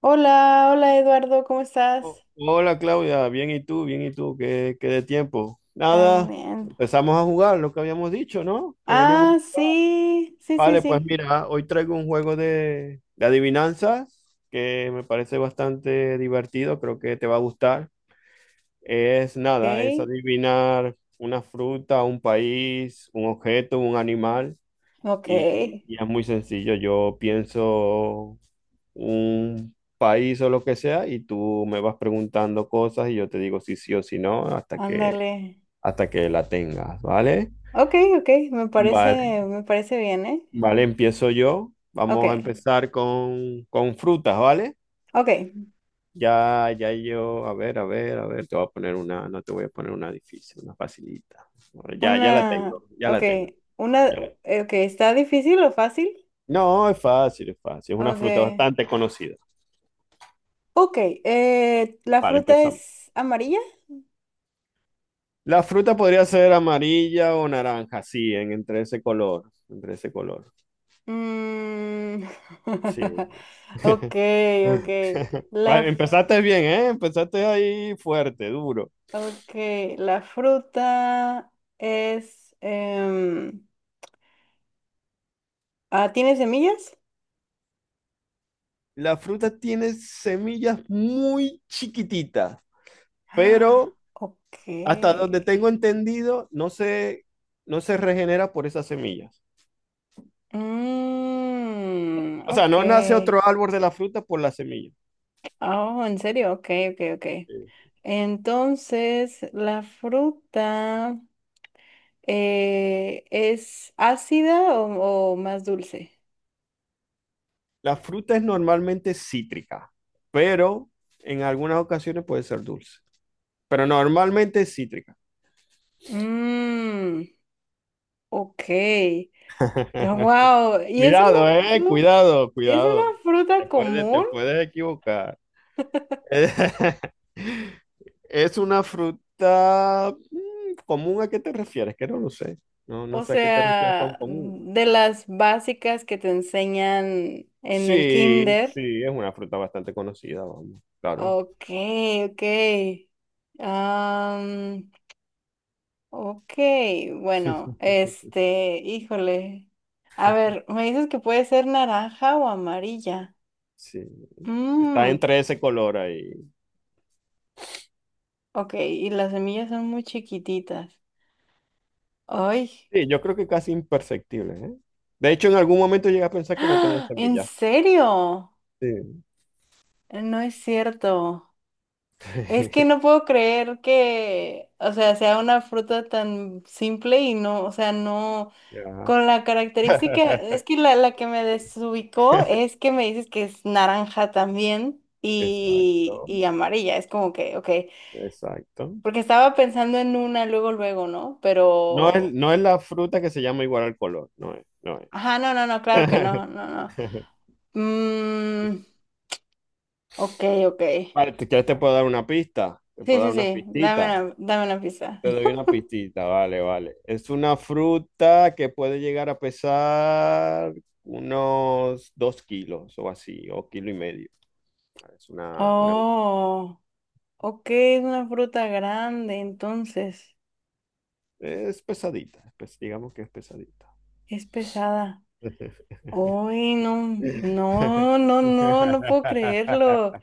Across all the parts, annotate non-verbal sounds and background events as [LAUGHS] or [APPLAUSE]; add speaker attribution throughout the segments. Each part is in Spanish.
Speaker 1: Hola, hola Eduardo, ¿cómo
Speaker 2: Oh,
Speaker 1: estás?
Speaker 2: hola Claudia, bien y tú, ¿qué de tiempo? Nada,
Speaker 1: También.
Speaker 2: empezamos a jugar lo que habíamos dicho, ¿no? Que veníamos.
Speaker 1: Ah, sí, sí, sí,
Speaker 2: Vale, pues
Speaker 1: sí.
Speaker 2: mira, hoy traigo un juego de adivinanzas que me parece bastante divertido, creo que te va a gustar. Es
Speaker 1: Ok,
Speaker 2: nada, es adivinar una fruta, un país, un objeto, un animal
Speaker 1: ok,
Speaker 2: y es muy sencillo. Yo pienso un país o lo que sea y tú me vas preguntando cosas y yo te digo si sí o si no hasta que,
Speaker 1: ándale.
Speaker 2: la tengas, ¿vale?
Speaker 1: Ok, ok,
Speaker 2: Vale,
Speaker 1: me parece bien,
Speaker 2: vale, empiezo yo.
Speaker 1: Ok,
Speaker 2: Vamos a empezar con frutas, ¿vale?
Speaker 1: ok,
Speaker 2: Ya yo, a ver, a ver, a ver, te voy a poner una, no te voy a poner una difícil, una facilita. Bueno, ya, ya la
Speaker 1: una,
Speaker 2: tengo, ya
Speaker 1: ok,
Speaker 2: la tengo.
Speaker 1: una,
Speaker 2: ya la-
Speaker 1: ok, ¿está difícil o fácil?
Speaker 2: No, es fácil, es fácil. Es una
Speaker 1: Ok,
Speaker 2: fruta bastante conocida.
Speaker 1: ok, ¿la
Speaker 2: Vale,
Speaker 1: fruta
Speaker 2: empezamos.
Speaker 1: es amarilla?
Speaker 2: La fruta podría ser amarilla o naranja, sí, entre ese color,
Speaker 1: Mm,
Speaker 2: sí.
Speaker 1: [LAUGHS] ok,
Speaker 2: [LAUGHS]
Speaker 1: ok,
Speaker 2: Vale,
Speaker 1: la
Speaker 2: empezaste bien, ¿eh? Empezaste ahí fuerte, duro.
Speaker 1: Ok, la fruta es... ¿tiene semillas?
Speaker 2: La fruta tiene semillas muy chiquititas,
Speaker 1: Ah,
Speaker 2: pero
Speaker 1: ok.
Speaker 2: hasta donde tengo entendido, no se regenera por esas semillas.
Speaker 1: Mm,
Speaker 2: O sea, no nace
Speaker 1: ok.
Speaker 2: otro árbol de la fruta por las semillas.
Speaker 1: Oh, ¿en serio? Ok, ok, ok.
Speaker 2: Sí.
Speaker 1: ¿Entonces, la fruta es ácida o, más dulce?
Speaker 2: La fruta es normalmente cítrica, pero en algunas ocasiones puede ser dulce, pero normalmente es cítrica.
Speaker 1: Mmm, ok.
Speaker 2: [LAUGHS]
Speaker 1: Wow,
Speaker 2: Cuidado,
Speaker 1: fru-
Speaker 2: cuidado,
Speaker 1: ¿es una
Speaker 2: cuidado.
Speaker 1: fruta
Speaker 2: Te puedes, te
Speaker 1: común?
Speaker 2: puedes equivocar. [LAUGHS] Es una fruta común, ¿a qué te refieres? Que no lo sé. No, no
Speaker 1: O
Speaker 2: sé a qué te refieres con
Speaker 1: sea,
Speaker 2: común.
Speaker 1: de las básicas que te enseñan en el
Speaker 2: Sí,
Speaker 1: kinder.
Speaker 2: sí, es una fruta bastante conocida, vamos, claro.
Speaker 1: Ok, ok. Am, ok, bueno, este, híjole. A ver, me dices que puede ser naranja o amarilla.
Speaker 2: Sí, está
Speaker 1: Mm,
Speaker 2: entre ese color ahí.
Speaker 1: ok, y las semillas son muy chiquititas. ¡Ay!
Speaker 2: Sí, yo creo que casi imperceptible, ¿eh? De hecho, en algún momento llegué a
Speaker 1: [GASPS]
Speaker 2: pensar que no tenía
Speaker 1: ¡Ah! ¿En
Speaker 2: semillas.
Speaker 1: serio?
Speaker 2: Sí.
Speaker 1: No es cierto. Es que no
Speaker 2: [LAUGHS]
Speaker 1: puedo creer que, o sea, sea una fruta tan simple y no, o sea, no,
Speaker 2: Ya.
Speaker 1: con la característica,
Speaker 2: [LAUGHS]
Speaker 1: es que la que me desubicó es que me dices que es naranja también
Speaker 2: Exacto,
Speaker 1: y amarilla, es como que, ok,
Speaker 2: exacto.
Speaker 1: porque estaba pensando en una luego, luego, ¿no?
Speaker 2: No es,
Speaker 1: Pero,
Speaker 2: no es la fruta que se llama igual al color, no es, no es.
Speaker 1: ajá, no, no, no, claro que
Speaker 2: [LAUGHS]
Speaker 1: no, no, no. Mm, ok, ok.
Speaker 2: Vale, ¿ te puedo dar una pista? Te
Speaker 1: Sí,
Speaker 2: puedo
Speaker 1: sí,
Speaker 2: dar una
Speaker 1: sí,
Speaker 2: pistita.
Speaker 1: dame una pista.
Speaker 2: Te doy
Speaker 1: [LAUGHS]
Speaker 2: una pistita, vale, vale. Es una fruta que puede llegar a pesar unos 2 kilos o así, o kilo y medio. Es una, una-
Speaker 1: Oh. Ok, es una fruta grande, entonces
Speaker 2: es pesadita, digamos que es pesadita.
Speaker 1: es pesada.
Speaker 2: [LAUGHS]
Speaker 1: Uy, no, no, no, no, no puedo creerlo.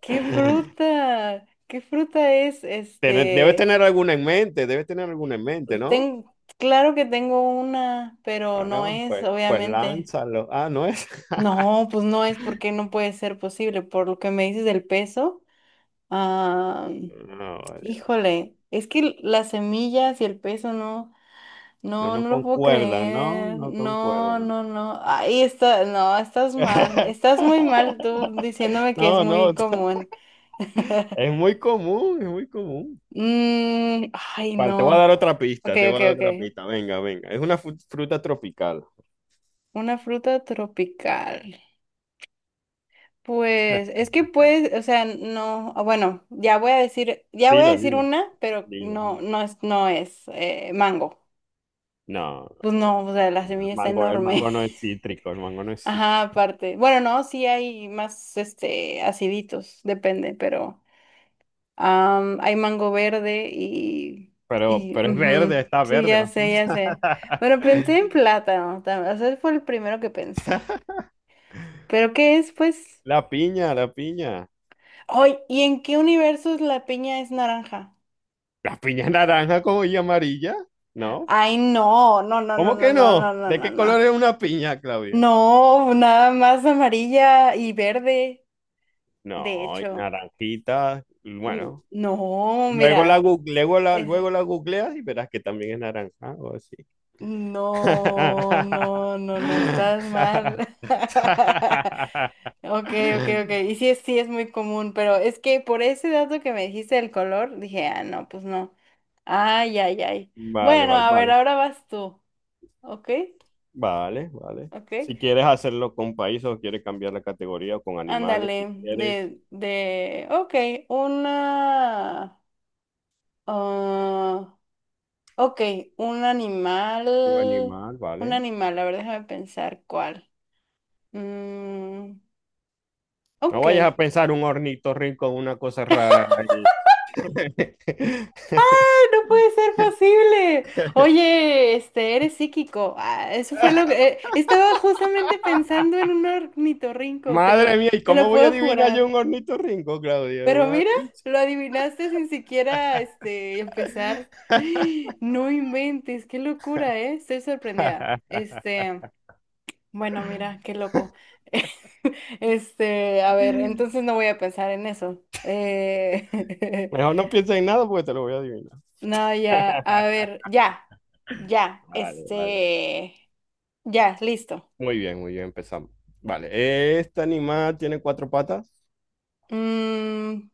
Speaker 1: ¿Qué fruta? ¿Qué fruta es?
Speaker 2: Debes tener alguna en mente, debes tener alguna en mente, ¿no?
Speaker 1: Ten- claro que tengo una, pero no
Speaker 2: Bueno,
Speaker 1: es,
Speaker 2: pues
Speaker 1: obviamente.
Speaker 2: lánzalo. Ah, no es.
Speaker 1: No,
Speaker 2: [LAUGHS]
Speaker 1: pues no es porque no puede ser posible. Por lo que me dices del peso, ah,
Speaker 2: No, vale, vale.
Speaker 1: híjole, es que las semillas y el peso no.
Speaker 2: No,
Speaker 1: No, no
Speaker 2: no
Speaker 1: lo puedo
Speaker 2: concuerdan, ¿no?
Speaker 1: creer.
Speaker 2: No
Speaker 1: No,
Speaker 2: concuerdan.
Speaker 1: no, no. Ahí está, no, estás mal. Estás muy
Speaker 2: [LAUGHS]
Speaker 1: mal tú diciéndome que es
Speaker 2: No,
Speaker 1: muy
Speaker 2: no. [LAUGHS]
Speaker 1: común.
Speaker 2: Es
Speaker 1: [LAUGHS]
Speaker 2: muy común, es muy común.
Speaker 1: Mm, ay,
Speaker 2: Vale, te voy a
Speaker 1: no.
Speaker 2: dar otra
Speaker 1: Ok,
Speaker 2: pista, te
Speaker 1: ok,
Speaker 2: voy a dar otra
Speaker 1: ok.
Speaker 2: pista. Venga, venga. Es una fruta tropical.
Speaker 1: Una fruta tropical. Pues es que puedes, o sea, no, ah, bueno, ya voy a decir, ya voy a
Speaker 2: Dilo,
Speaker 1: decir
Speaker 2: dilo.
Speaker 1: una, pero
Speaker 2: Dilo.
Speaker 1: no, no es, no es mango.
Speaker 2: No,
Speaker 1: Pues
Speaker 2: no,
Speaker 1: no,
Speaker 2: no.
Speaker 1: o sea, la semilla está
Speaker 2: El
Speaker 1: enorme.
Speaker 2: mango no es cítrico, el mango no es
Speaker 1: Ajá,
Speaker 2: cítrico.
Speaker 1: aparte. Bueno, no, sí hay más, este, aciditos, depende, pero hay mango verde y
Speaker 2: Pero es verde,
Speaker 1: ujú,
Speaker 2: está
Speaker 1: sí,
Speaker 2: verde
Speaker 1: ya
Speaker 2: la
Speaker 1: sé, ya
Speaker 2: fruta.
Speaker 1: sé. Bueno, pensé en
Speaker 2: [LAUGHS]
Speaker 1: plátano, tam- o sea, fue el primero que pensé. ¿Pero qué es, pues?
Speaker 2: La piña, la piña.
Speaker 1: Ay, ¿y en qué universos la piña es naranja?
Speaker 2: ¿La piña es naranja como y amarilla? ¿No?
Speaker 1: Ay, no, no, no, no,
Speaker 2: ¿Cómo
Speaker 1: no,
Speaker 2: que
Speaker 1: no, no,
Speaker 2: no?
Speaker 1: no,
Speaker 2: ¿De
Speaker 1: no,
Speaker 2: qué color es
Speaker 1: no.
Speaker 2: una piña, Claudia?
Speaker 1: No, nada más amarilla y verde, de
Speaker 2: No, y
Speaker 1: hecho.
Speaker 2: naranjita, y bueno.
Speaker 1: No, mira.
Speaker 2: Luego la, gu- luego la googleas y verás que también es naranja o así.
Speaker 1: No, no, no, no, estás mal. [LAUGHS]
Speaker 2: [LAUGHS]
Speaker 1: Ok, ok, ok. Y sí, sí es muy común, pero es que por ese dato que me dijiste del color, dije, ah, no, pues no. Ay, ay, ay.
Speaker 2: Vale,
Speaker 1: Bueno,
Speaker 2: vale,
Speaker 1: a ver,
Speaker 2: vale.
Speaker 1: ahora vas tú. Ok,
Speaker 2: Vale, vale.
Speaker 1: ok.
Speaker 2: Si quieres hacerlo con países o quieres cambiar la categoría o con animales,
Speaker 1: Ándale,
Speaker 2: si quieres
Speaker 1: ok, una, ah, ok, un
Speaker 2: un
Speaker 1: animal,
Speaker 2: animal,
Speaker 1: un
Speaker 2: ¿vale?
Speaker 1: animal, a ver, déjame pensar cuál. Mm,
Speaker 2: No
Speaker 1: ok.
Speaker 2: vayas a pensar un ornitorrinco, una cosa rara ahí.
Speaker 1: [LAUGHS] No puede
Speaker 2: [LAUGHS]
Speaker 1: ser posible. Oye, este, eres psíquico. Ah, eso fue lo que estaba justamente pensando en un ornitorrinco,
Speaker 2: Madre mía, ¿y
Speaker 1: te
Speaker 2: cómo
Speaker 1: lo
Speaker 2: voy a
Speaker 1: puedo
Speaker 2: adivinar yo
Speaker 1: jurar.
Speaker 2: un ornitorrinco, Claudia?
Speaker 1: Pero
Speaker 2: Madre
Speaker 1: mira,
Speaker 2: mía.
Speaker 1: lo adivinaste sin siquiera este empezar. [GASPS] No inventes, qué locura, ¿eh? Estoy sorprendida. Este, bueno, mira, qué loco. [LAUGHS] Este, a ver,
Speaker 2: [LAUGHS]
Speaker 1: entonces no voy a pensar en eso. [LAUGHS]
Speaker 2: Mejor no pienses en nada porque te lo voy a adivinar.
Speaker 1: No, ya, a ver, ya,
Speaker 2: Vale, vale.
Speaker 1: este, ya, listo.
Speaker 2: Muy bien, empezamos. Vale, ¿este animal tiene cuatro patas?
Speaker 1: Mm,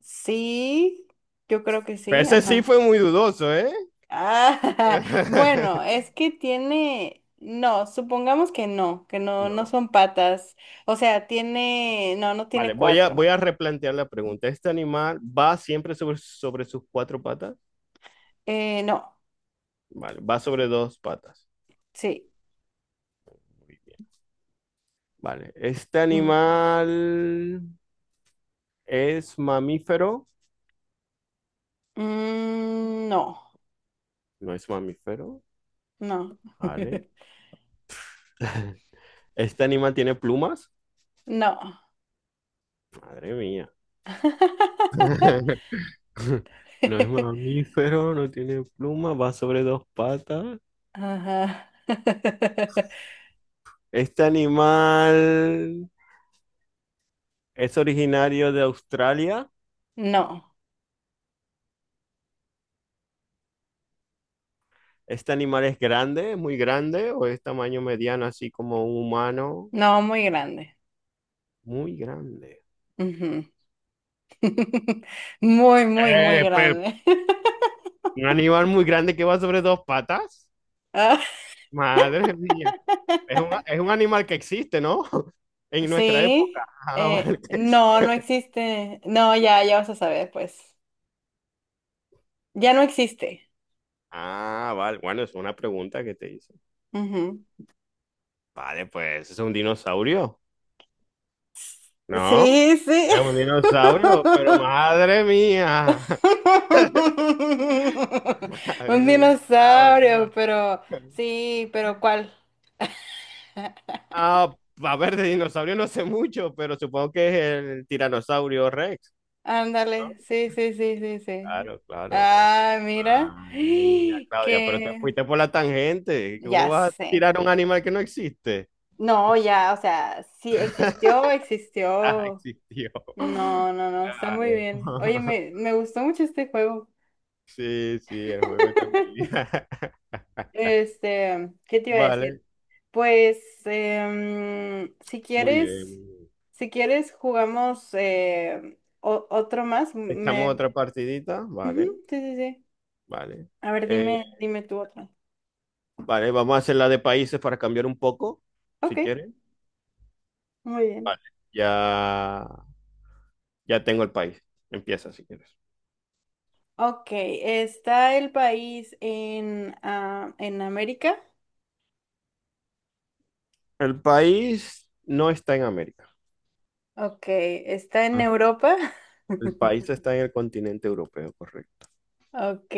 Speaker 1: sí, yo creo que sí,
Speaker 2: Ese sí
Speaker 1: ajá.
Speaker 2: fue muy dudoso, ¿eh?
Speaker 1: Ah, [LAUGHS] bueno,
Speaker 2: [LAUGHS]
Speaker 1: es que tiene, no, supongamos que no, no
Speaker 2: No.
Speaker 1: son patas. O sea, tiene, no, no tiene
Speaker 2: Vale,
Speaker 1: cuatro.
Speaker 2: voy a replantear la pregunta. ¿Este animal va siempre sobre sus cuatro patas?
Speaker 1: No,
Speaker 2: Vale, va sobre dos patas.
Speaker 1: sí.
Speaker 2: Muy bien. Vale, ¿este
Speaker 1: Ujú.
Speaker 2: animal es mamífero?
Speaker 1: Mm,
Speaker 2: No es mamífero.
Speaker 1: no,
Speaker 2: Vale.
Speaker 1: [LAUGHS]
Speaker 2: ¿Este animal tiene plumas?
Speaker 1: no.
Speaker 2: Madre mía. [LAUGHS]
Speaker 1: [LAUGHS]
Speaker 2: [LAUGHS] No es mamífero, no tiene pluma, va sobre dos patas.
Speaker 1: Ajá. [LAUGHS]
Speaker 2: Este animal es originario de Australia.
Speaker 1: No,
Speaker 2: Este animal es grande, muy grande, o es tamaño mediano, así como un humano,
Speaker 1: no, muy grande.
Speaker 2: muy grande.
Speaker 1: Ujú. [LAUGHS] Muy, muy, muy
Speaker 2: Eh, pero,
Speaker 1: grande. [LAUGHS]
Speaker 2: Un animal muy grande que va sobre dos patas.
Speaker 1: Ah,
Speaker 2: Madre mía. Es un animal que existe, ¿no? [LAUGHS] En nuestra época.
Speaker 1: sí,
Speaker 2: Ah, vale.
Speaker 1: no, no
Speaker 2: [LAUGHS]
Speaker 1: existe. No, ya, ya vas a saber, pues. Ya no existe.
Speaker 2: Ah, vale. Bueno, es una pregunta que te hice.
Speaker 1: Ujú.
Speaker 2: Vale, pues es un dinosaurio. No,
Speaker 1: Sí, sí.
Speaker 2: es un dinosaurio, pero madre mía,
Speaker 1: [LAUGHS]
Speaker 2: [LAUGHS]
Speaker 1: Un
Speaker 2: madre mía,
Speaker 1: dinosaurio,
Speaker 2: Claudia.
Speaker 1: pero sí, pero ¿cuál? [LAUGHS]
Speaker 2: Ah, a ver, de dinosaurio no sé mucho, pero supongo que es el tiranosaurio Rex, ¿no?
Speaker 1: Ándale, sí, sí, sí, sí, sí.
Speaker 2: Claro, claro, claro.
Speaker 1: Ah, mira,
Speaker 2: Madre mía,
Speaker 1: [GASPS]
Speaker 2: Claudia, pero te
Speaker 1: que
Speaker 2: fuiste por la tangente. ¿Cómo
Speaker 1: ya
Speaker 2: vas a
Speaker 1: sé.
Speaker 2: tirar a un animal que no existe?
Speaker 1: No, ya, o sea, sí existió,
Speaker 2: [LAUGHS] Ah,
Speaker 1: existió.
Speaker 2: existió.
Speaker 1: No, no, no, está muy
Speaker 2: Claro.
Speaker 1: bien. Oye, me,
Speaker 2: [LAUGHS]
Speaker 1: me gustó mucho este juego.
Speaker 2: Sí, sí, el juego está muy bien.
Speaker 1: [LAUGHS]
Speaker 2: [LAUGHS]
Speaker 1: Este, ¿qué te iba a decir?
Speaker 2: Vale,
Speaker 1: Pues, si
Speaker 2: muy bien, muy
Speaker 1: quieres,
Speaker 2: bien.
Speaker 1: si quieres, jugamos otro más.
Speaker 2: Echamos
Speaker 1: Me...
Speaker 2: otra partidita,
Speaker 1: Ujú,
Speaker 2: vale,
Speaker 1: sí, sí, sí.
Speaker 2: vale.
Speaker 1: A ver,
Speaker 2: Eh,
Speaker 1: dime, dime tú otro.
Speaker 2: vale, vamos a hacer la de países para cambiar un poco,
Speaker 1: Ok,
Speaker 2: si quieren.
Speaker 1: muy bien.
Speaker 2: Vale, ya, ya tengo el país. Empieza si quieres.
Speaker 1: Ok, ¿está el país en América?
Speaker 2: El país no está en América.
Speaker 1: Ok, ¿está en
Speaker 2: Ah,
Speaker 1: Europa?
Speaker 2: el
Speaker 1: [LAUGHS]
Speaker 2: país está en el continente europeo, correcto.
Speaker 1: Ok,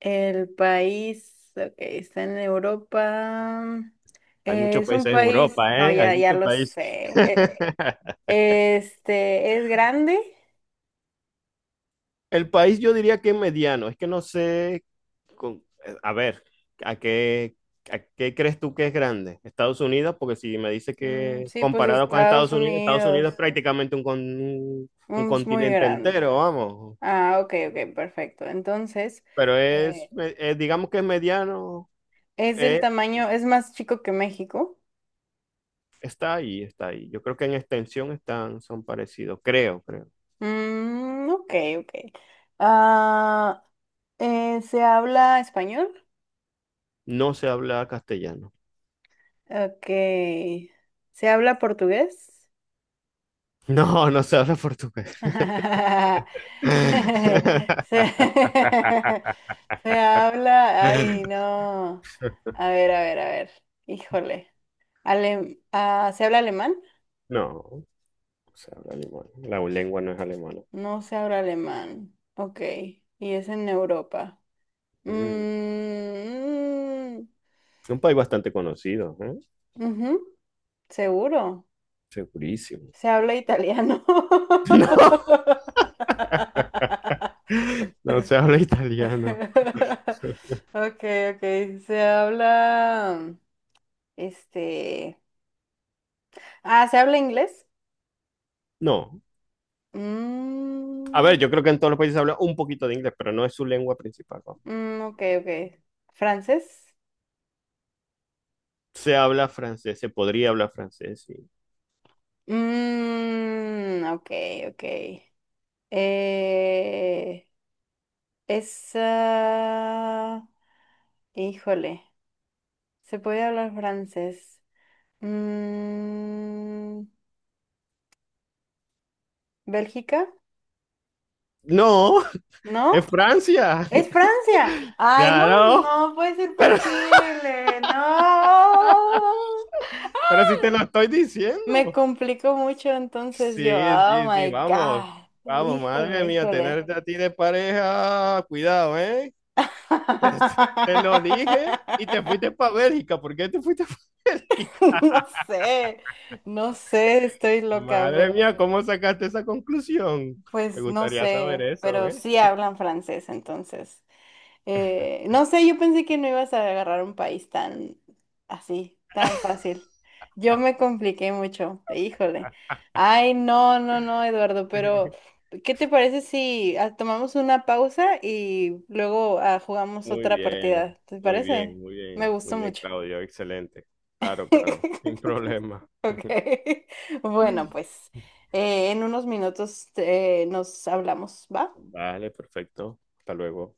Speaker 1: el país, ok, está en Europa.
Speaker 2: Hay muchos
Speaker 1: Es
Speaker 2: países
Speaker 1: un
Speaker 2: en
Speaker 1: país,
Speaker 2: Europa,
Speaker 1: no,
Speaker 2: ¿eh? Hay
Speaker 1: ya, ya
Speaker 2: muchos
Speaker 1: lo
Speaker 2: países.
Speaker 1: sé. E-
Speaker 2: [LAUGHS]
Speaker 1: Este, ¿es grande?
Speaker 2: El país yo diría que es mediano. Es que no sé a ver, ¿a qué, a qué crees tú que es grande? Estados Unidos, porque si me dices
Speaker 1: Mm,
Speaker 2: que
Speaker 1: sí, pues
Speaker 2: comparado con
Speaker 1: Estados
Speaker 2: Estados Unidos, Estados Unidos es
Speaker 1: Unidos
Speaker 2: prácticamente un
Speaker 1: mm, es muy
Speaker 2: continente
Speaker 1: grande.
Speaker 2: entero, vamos.
Speaker 1: Ah, ok, ok, perfecto. Entonces,
Speaker 2: Pero
Speaker 1: eh,
Speaker 2: digamos que es mediano, es-
Speaker 1: ¿es más chico que México?
Speaker 2: está ahí, está ahí. Yo creo que en extensión están, son parecidos, creo, creo.
Speaker 1: Mm, ok, ok. Ah, ¿Se habla español?
Speaker 2: No se habla castellano. [LAUGHS]
Speaker 1: Ok. ¿Se habla portugués?
Speaker 2: No, no se habla portugués.
Speaker 1: [LAUGHS] Se,
Speaker 2: [LAUGHS]
Speaker 1: [LAUGHS] se habla... Ay, no. A ver, a ver, a ver. Híjole. ¿Se habla alemán?
Speaker 2: No, no se habla alemán. La lengua no es alemana.
Speaker 1: No se habla alemán. Ok. Y es en Europa.
Speaker 2: Mm.
Speaker 1: Mm,
Speaker 2: Un país bastante conocido, ¿eh?
Speaker 1: ujú, seguro.
Speaker 2: Segurísimo.
Speaker 1: Se habla italiano. [LAUGHS]
Speaker 2: [LAUGHS] No, no se habla italiano.
Speaker 1: Ok, ok. Se habla, este, ¿Se habla inglés?
Speaker 2: No. A ver,
Speaker 1: Mm,
Speaker 2: yo creo que en todos los países se habla un poquito de inglés, pero no es su lengua principal, ¿no?
Speaker 1: mm, ok, ok. ¿Francés?
Speaker 2: Se habla francés, se podría hablar francés, sí.
Speaker 1: Mm, ok, ok. Eh, es, ah, híjole, ¿se puede hablar francés? Mm, ¿Bélgica?
Speaker 2: No,
Speaker 1: ¿No?
Speaker 2: es Francia.
Speaker 1: ¡Es Francia! ¡Ay, no,
Speaker 2: Claro,
Speaker 1: no puede ser posible! ¡No!
Speaker 2: pero sí te lo estoy
Speaker 1: Me
Speaker 2: diciendo.
Speaker 1: complicó mucho entonces yo.
Speaker 2: Sí,
Speaker 1: ¡Oh,
Speaker 2: sí, sí,
Speaker 1: my
Speaker 2: vamos.
Speaker 1: God!
Speaker 2: Vamos, madre
Speaker 1: ¡Híjole,
Speaker 2: mía,
Speaker 1: híjole!
Speaker 2: tenerte a ti de pareja, cuidado, ¿eh? [LAUGHS] Te, te lo dije y te fuiste
Speaker 1: [LAUGHS]
Speaker 2: para Bélgica. ¿Por qué te fuiste para [LAUGHS] Bélgica?
Speaker 1: No sé, no sé, estoy loca,
Speaker 2: Madre
Speaker 1: pero
Speaker 2: mía, ¿cómo sacaste esa conclusión? Me
Speaker 1: pues no
Speaker 2: gustaría saber
Speaker 1: sé,
Speaker 2: eso,
Speaker 1: pero
Speaker 2: ¿eh?
Speaker 1: sí hablan francés entonces. No sé, yo pensé que no ibas a agarrar un país tan así, tan fácil. Yo me compliqué mucho, híjole. Ay, no, no, no, Eduardo, pero
Speaker 2: [LAUGHS]
Speaker 1: ¿qué te parece si tomamos una pausa y luego jugamos
Speaker 2: Muy
Speaker 1: otra
Speaker 2: bien,
Speaker 1: partida? ¿Te
Speaker 2: muy
Speaker 1: parece?
Speaker 2: bien, muy
Speaker 1: Me
Speaker 2: bien, muy
Speaker 1: gustó
Speaker 2: bien,
Speaker 1: mucho.
Speaker 2: Claudio, excelente. Claro, claro, sin
Speaker 1: [LAUGHS]
Speaker 2: problema.
Speaker 1: Ok. [LAUGHS] Bueno,
Speaker 2: Mm.
Speaker 1: pues en unos minutos nos hablamos, ¿va?
Speaker 2: Vale, perfecto. Hasta luego.